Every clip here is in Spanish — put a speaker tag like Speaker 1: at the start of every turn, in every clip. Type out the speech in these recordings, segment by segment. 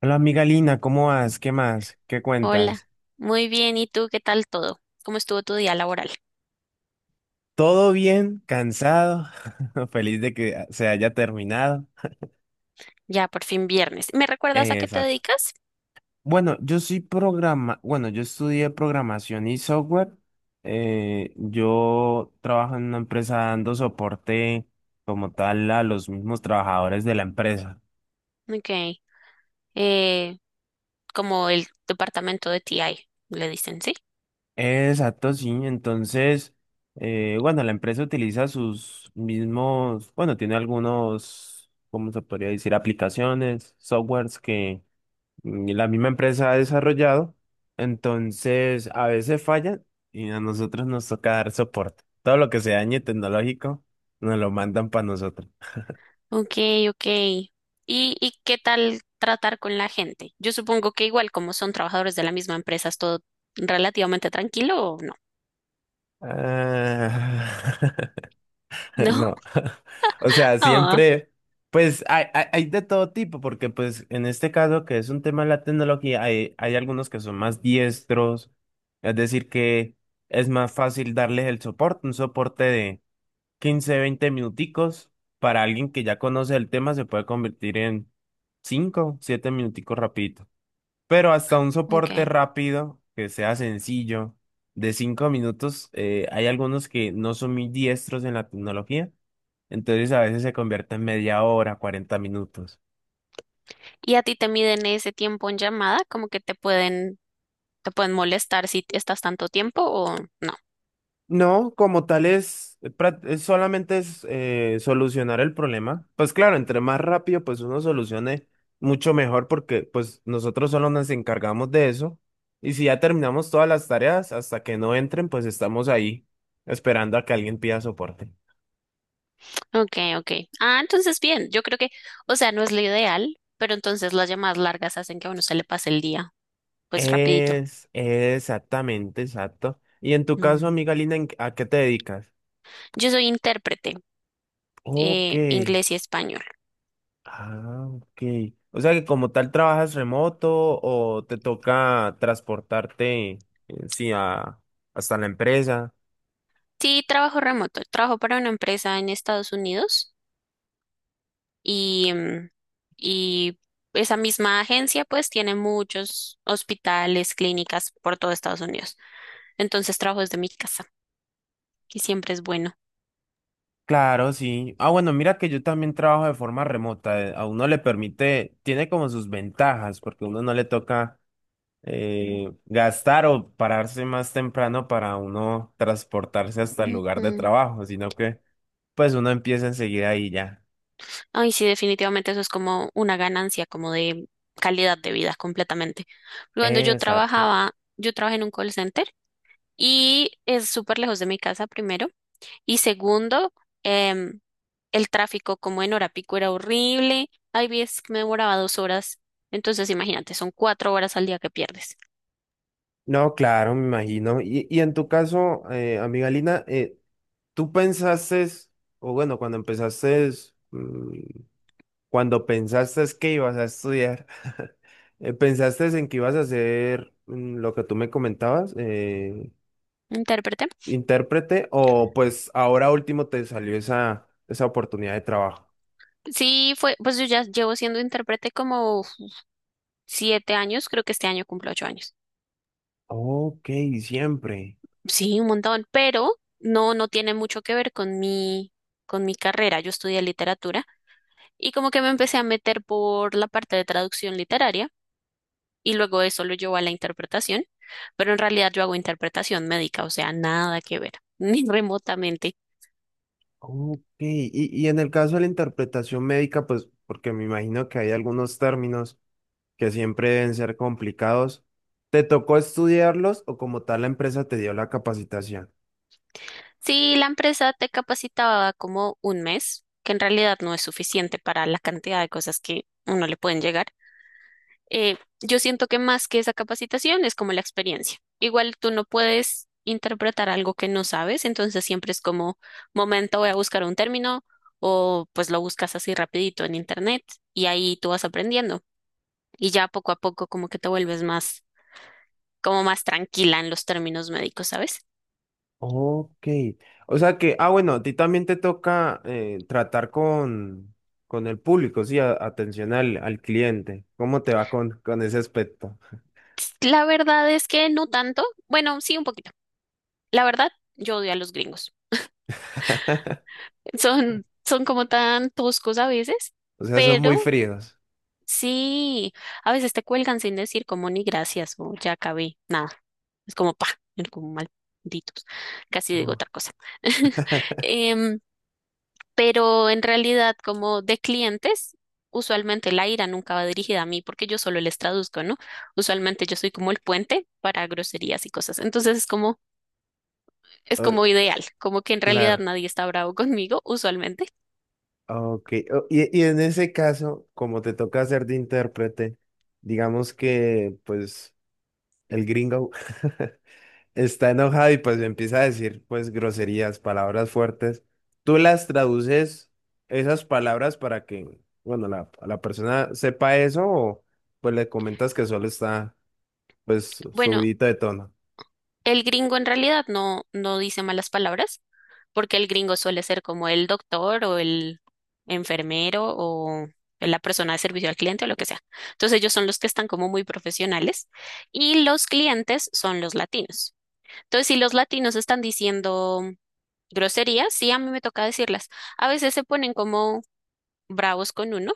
Speaker 1: Hola amiga Lina, ¿cómo vas? ¿Qué más? ¿Qué
Speaker 2: Hola,
Speaker 1: cuentas?
Speaker 2: muy bien. ¿Y tú qué tal todo? ¿Cómo estuvo tu día laboral?
Speaker 1: ¿Todo bien? ¿Cansado? Feliz de que se haya terminado.
Speaker 2: Ya por fin viernes. ¿Me recuerdas a qué te
Speaker 1: Exacto.
Speaker 2: dedicas?
Speaker 1: Bueno, yo estudié programación y software. Yo trabajo en una empresa dando soporte como tal a los mismos trabajadores de la empresa.
Speaker 2: Ok, eh, como el departamento de TI, le dicen, ¿sí?
Speaker 1: Exacto, sí. Entonces, bueno, la empresa utiliza sus mismos, bueno, tiene algunos, ¿cómo se podría decir? Aplicaciones, softwares que la misma empresa ha desarrollado. Entonces, a veces fallan y a nosotros nos toca dar soporte. Todo lo que se dañe tecnológico nos lo mandan para nosotros.
Speaker 2: Ok, ok. ¿ Y qué tal tratar con la gente? Yo supongo que igual como son trabajadores de la misma empresa, es todo relativamente tranquilo o no.
Speaker 1: Ah,
Speaker 2: ¿No?
Speaker 1: No, o sea,
Speaker 2: Ah,
Speaker 1: siempre, pues hay de todo tipo, porque pues en este caso que es un tema de la tecnología, hay algunos que son más diestros, es decir, que es más fácil darles el soporte, un soporte de 15 20 minuticos, para alguien que ya conoce el tema se puede convertir en 5 7 minuticos rapidito. Pero hasta un
Speaker 2: ok.
Speaker 1: soporte rápido, que sea sencillo, de 5 minutos, hay algunos que no son muy diestros en la tecnología, entonces a veces se convierte en media hora, 40 minutos.
Speaker 2: ¿Y a ti te miden ese tiempo en llamada? ¿Como que te pueden molestar si estás tanto tiempo o no?
Speaker 1: No, como tal es, prá- es solamente es solucionar el problema. Pues claro, entre más rápido pues uno solucione, mucho mejor porque pues nosotros solo nos encargamos de eso. Y si ya terminamos todas las tareas, hasta que no entren, pues estamos ahí esperando a que alguien pida soporte.
Speaker 2: Ok, ok. Ah, entonces bien, o sea, no es lo ideal, pero entonces las llamadas largas hacen que a uno se le pase el día, pues rapidito.
Speaker 1: Exactamente, exacto. Y en tu caso,
Speaker 2: Mm.
Speaker 1: amiga Lina, ¿a qué te dedicas?
Speaker 2: Yo soy intérprete,
Speaker 1: Ok.
Speaker 2: inglés y español.
Speaker 1: Ah, ok. O sea que como tal trabajas remoto o te toca transportarte, eh, sí, a, hasta la empresa.
Speaker 2: Sí, trabajo remoto, trabajo para una empresa en Estados Unidos y y esa misma agencia pues tiene muchos hospitales, clínicas por todo Estados Unidos. Entonces trabajo desde mi casa y siempre es bueno.
Speaker 1: Claro, sí. Ah, bueno, mira que yo también trabajo de forma remota. A uno le permite, tiene como sus ventajas, porque a uno no le toca gastar o pararse más temprano para uno transportarse hasta el lugar de
Speaker 2: Ujú.
Speaker 1: trabajo, sino que pues uno empieza enseguida y ya.
Speaker 2: Ay, sí, definitivamente eso es como una ganancia, como de calidad de vida completamente. Cuando yo
Speaker 1: Exacto.
Speaker 2: trabajaba, yo trabajé en un call center y es súper lejos de mi casa, primero. Y segundo, em, el tráfico como en hora pico era horrible. Hay veces que me demoraba dos horas. Entonces, imagínate, son cuatro horas al día que pierdes.
Speaker 1: No, claro, me imagino. Y en tu caso, amiga Lina, ¿tú pensaste, o bueno, cuando empezaste mm, Cuando pensaste que ibas a estudiar, ¿pensaste en que ibas a hacer lo que tú me comentabas,
Speaker 2: Intérprete.
Speaker 1: intérprete, o pues ahora último te salió esa oportunidad de trabajo?
Speaker 2: Sí, fue, pues yo ya llevo siendo intérprete como uf, siete años, creo que este año cumplo ocho años.
Speaker 1: Ok, siempre.
Speaker 2: Sí, un montón, pero no tiene mucho que ver con mi carrera. Yo estudié literatura y como que me empecé a meter por la parte de traducción literaria y luego eso lo llevó a la interpretación, pero en realidad yo hago interpretación médica, o sea, nada que ver, ni remotamente.
Speaker 1: Ok, y en el caso de la interpretación médica, pues porque me imagino que hay algunos términos que siempre deben ser complicados, ¿te tocó estudiarlos o como tal la empresa te dio la capacitación?
Speaker 2: Sí, la empresa te capacitaba como un mes, que en realidad no es suficiente para la cantidad de cosas que uno le pueden llegar. Yo siento que más que esa capacitación es como la experiencia. Igual tú no puedes interpretar algo que no sabes, entonces siempre es como, momento, voy a buscar un término o pues lo buscas así rapidito en internet y ahí tú vas aprendiendo y ya poco a poco como que te vuelves más, como más tranquila en los términos médicos, ¿sabes?
Speaker 1: Ok. O sea que, ah, bueno, a ti también te toca tratar con el público, sí, atención al cliente. ¿Cómo te va con ese aspecto?
Speaker 2: La verdad es que no tanto, bueno, sí un poquito. La verdad, yo odio a los gringos. Son como tan toscos a veces,
Speaker 1: O sea, son muy
Speaker 2: pero
Speaker 1: fríos.
Speaker 2: sí, a veces te cuelgan sin decir como ni gracias o ya acabé, nada. Es como pa, es como malditos. Casi digo
Speaker 1: Ojo.
Speaker 2: otra cosa. Em, pero en realidad, como de clientes, usualmente la ira nunca va dirigida a mí porque yo solo les traduzco, ¿no? Usualmente yo soy como el puente para groserías y cosas. Es
Speaker 1: Oh,
Speaker 2: como ideal, como que en realidad
Speaker 1: claro,
Speaker 2: nadie está bravo conmigo, usualmente.
Speaker 1: ok. Oh, y en ese caso, como te toca hacer de intérprete, digamos que, pues, el gringo está enojado y pues empieza a decir pues groserías, palabras fuertes. Tú las traduces esas palabras para que, bueno, la persona sepa eso o pues le comentas que solo está pues
Speaker 2: Bueno,
Speaker 1: subidito de tono.
Speaker 2: el gringo en realidad no dice malas palabras. Porque el gringo suele ser como el doctor o el enfermero o la persona de servicio al cliente o lo que sea. Entonces ellos son los que están como muy profesionales y los clientes son los latinos. Entonces si los latinos están diciendo groserías, sí, a mí me toca decirlas. A veces se ponen como bravos con uno,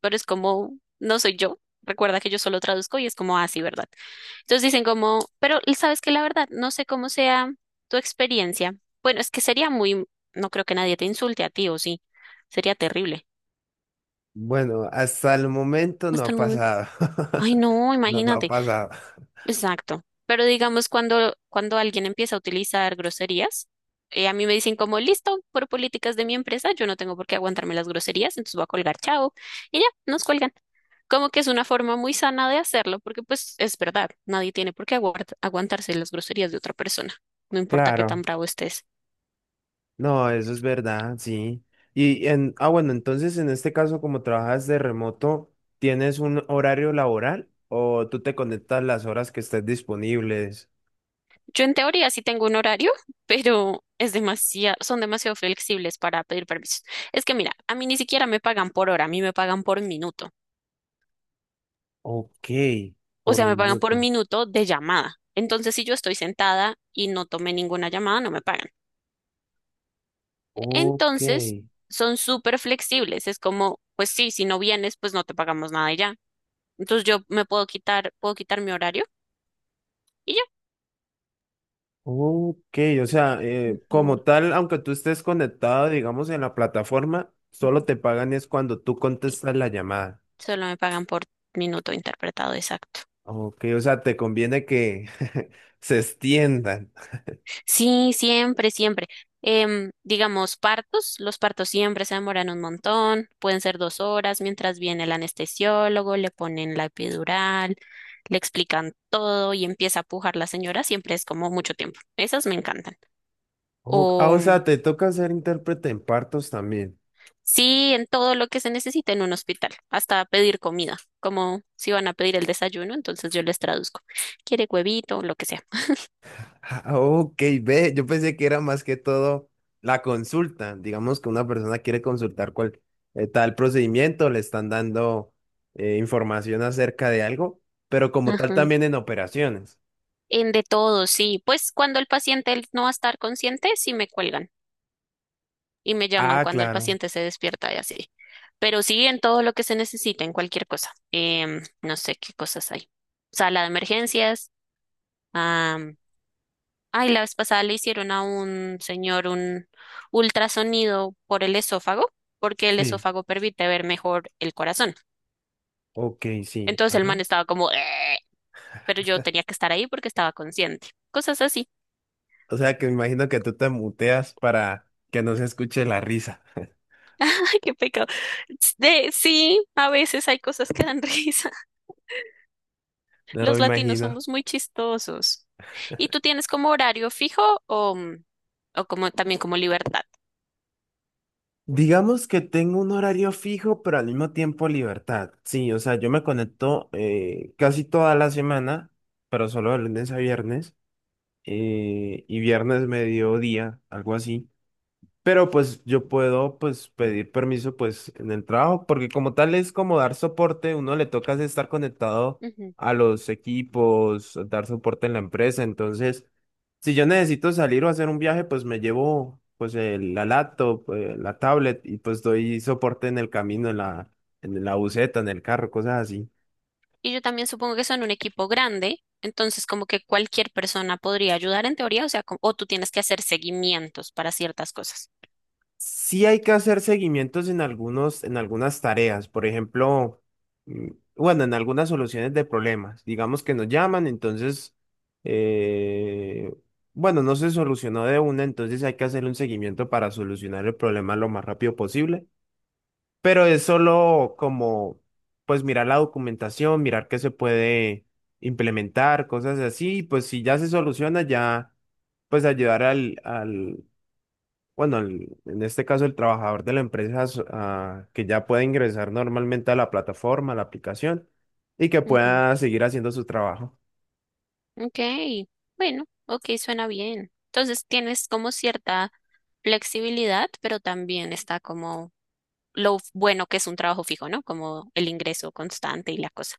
Speaker 2: pero es como, no soy yo. Recuerda que yo solo traduzco y es como así, ¿verdad? Entonces dicen como, pero sabes que la verdad, no sé cómo sea tu experiencia. Bueno, es que sería muy, no creo que nadie te insulte a ti, o sí, sería terrible
Speaker 1: Bueno, hasta el momento no
Speaker 2: hasta
Speaker 1: ha
Speaker 2: el momento.
Speaker 1: pasado.
Speaker 2: Ay, no,
Speaker 1: No, no ha
Speaker 2: imagínate.
Speaker 1: pasado.
Speaker 2: Exacto. Pero digamos, cuando alguien empieza a utilizar groserías, a mí me dicen como, listo, por políticas de mi empresa, yo no tengo por qué aguantarme las groserías, entonces voy a colgar, chao. Y ya, nos cuelgan. Como que es una forma muy sana de hacerlo, porque pues es verdad, nadie tiene por qué aguantarse las groserías de otra persona, no importa qué tan
Speaker 1: Claro.
Speaker 2: bravo estés.
Speaker 1: No, eso es verdad, sí. Ah, bueno, entonces en este caso, como trabajas de remoto, ¿tienes un horario laboral o tú te conectas las horas que estés disponibles?
Speaker 2: Yo en teoría sí tengo un horario, pero es demasiado, son demasiado flexibles para pedir permisos. Es que mira, a mí ni siquiera me pagan por hora, a mí me pagan por minuto.
Speaker 1: Ok,
Speaker 2: O sea,
Speaker 1: por
Speaker 2: me pagan por
Speaker 1: minuto.
Speaker 2: minuto de llamada. Entonces, si yo estoy sentada y no tomé ninguna llamada, no me pagan.
Speaker 1: Ok,
Speaker 2: Entonces, son súper flexibles. Es como, pues sí, si no vienes, pues no te pagamos nada y ya. Entonces, yo me puedo quitar mi horario y ya.
Speaker 1: ok. O sea,
Speaker 2: Ujú,
Speaker 1: como tal, aunque tú estés conectado, digamos, en la plataforma, solo
Speaker 2: ujú,
Speaker 1: te pagan es cuando tú
Speaker 2: sí.
Speaker 1: contestas la llamada.
Speaker 2: Solo me pagan por minuto interpretado exacto.
Speaker 1: Ok, o sea, te conviene que se extiendan.
Speaker 2: Sí, siempre, siempre. Digamos, partos, los partos siempre se demoran un montón, pueden ser dos horas mientras viene el anestesiólogo, le ponen la epidural, le explican todo y empieza a pujar la señora, siempre es como mucho tiempo. Esas me encantan.
Speaker 1: Oh, ah,
Speaker 2: O
Speaker 1: o
Speaker 2: mm,
Speaker 1: sea, te toca ser intérprete en partos también.
Speaker 2: sí, en todo lo que se necesita en un hospital, hasta pedir comida, como si van a pedir el desayuno, entonces yo les traduzco. ¿Quiere huevito? Lo que sea.
Speaker 1: Ah, ok, ve, yo pensé que era más que todo la consulta. Digamos que una persona quiere consultar cuál tal procedimiento, le están dando información acerca de algo, pero como tal
Speaker 2: Ajá.
Speaker 1: también en operaciones.
Speaker 2: En de todo, sí. Pues cuando el paciente no va a estar consciente, sí me cuelgan. Y me llaman
Speaker 1: Ah,
Speaker 2: cuando el
Speaker 1: claro,
Speaker 2: paciente se despierta y así. Pero sí en todo lo que se necesite, en cualquier cosa. No sé qué cosas hay. Sala de emergencias. am, Ay, la vez pasada le hicieron a un señor un ultrasonido por el esófago, porque el
Speaker 1: sí,
Speaker 2: esófago permite ver mejor el corazón.
Speaker 1: ok, sí,
Speaker 2: Entonces el man
Speaker 1: ajá.
Speaker 2: estaba como, pero yo tenía que estar ahí porque estaba consciente. Cosas así.
Speaker 1: O sea, que me imagino que tú te muteas para que no se escuche la risa.
Speaker 2: Ay, qué pecado. De, sí, a veces hay cosas que dan risa.
Speaker 1: No me
Speaker 2: Los latinos
Speaker 1: imagino.
Speaker 2: somos muy chistosos. ¿Y tú tienes como horario fijo o como también como libertad?
Speaker 1: Digamos que tengo un horario fijo, pero al mismo tiempo libertad. Sí, o sea, yo me conecto casi toda la semana, pero solo de lunes a viernes y viernes mediodía, algo así. Pero pues yo puedo pues pedir permiso pues en el trabajo, porque como tal es como dar soporte, uno le toca es estar conectado
Speaker 2: Ujú.
Speaker 1: a los equipos, dar soporte en la empresa, entonces si yo necesito salir o hacer un viaje, pues me llevo pues la laptop, la tablet y pues doy soporte en el camino, en la buseta, en el carro, cosas así.
Speaker 2: Y yo también supongo que son un equipo grande, entonces como que cualquier persona podría ayudar en teoría, o sea, o tú tienes que hacer seguimientos para ciertas cosas.
Speaker 1: Sí hay que hacer seguimientos en algunos, en algunas tareas, por ejemplo, mm, bueno, en algunas soluciones de problemas. Digamos que nos llaman, entonces, eh, bueno, no se solucionó de una, entonces hay que hacer un seguimiento para solucionar el problema lo más rápido posible. Pero es solo como, pues, mirar la documentación, mirar qué se puede implementar, cosas así, y pues si ya se soluciona, ya, pues ayudar al bueno, en este caso el trabajador de la empresa ah, que ya puede ingresar normalmente a la plataforma, a la aplicación y que
Speaker 2: Ujú.
Speaker 1: pueda seguir haciendo su trabajo.
Speaker 2: Ok, bueno, ok, suena bien. Entonces tienes como cierta flexibilidad, pero también está como bueno que es un trabajo fijo, ¿no? Como el ingreso constante y la cosa.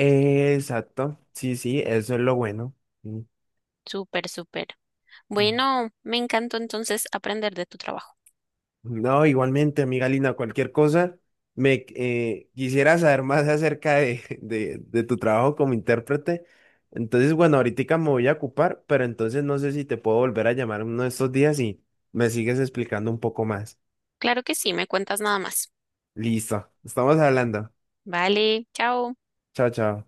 Speaker 1: Exacto, sí, sí, eso es lo bueno. Mm.
Speaker 2: Súper, súper. Bueno, me encantó entonces aprender de tu trabajo.
Speaker 1: No, igualmente, amiga Lina, cualquier cosa, me quisiera saber más acerca de, de tu trabajo como intérprete. Entonces, bueno, ahorita me voy a ocupar, pero entonces no sé si te puedo volver a llamar uno de estos días y me sigues explicando un poco más.
Speaker 2: Claro que sí, me cuentas nada más.
Speaker 1: Listo, estamos hablando.
Speaker 2: Vale, chao.
Speaker 1: Chao, chao.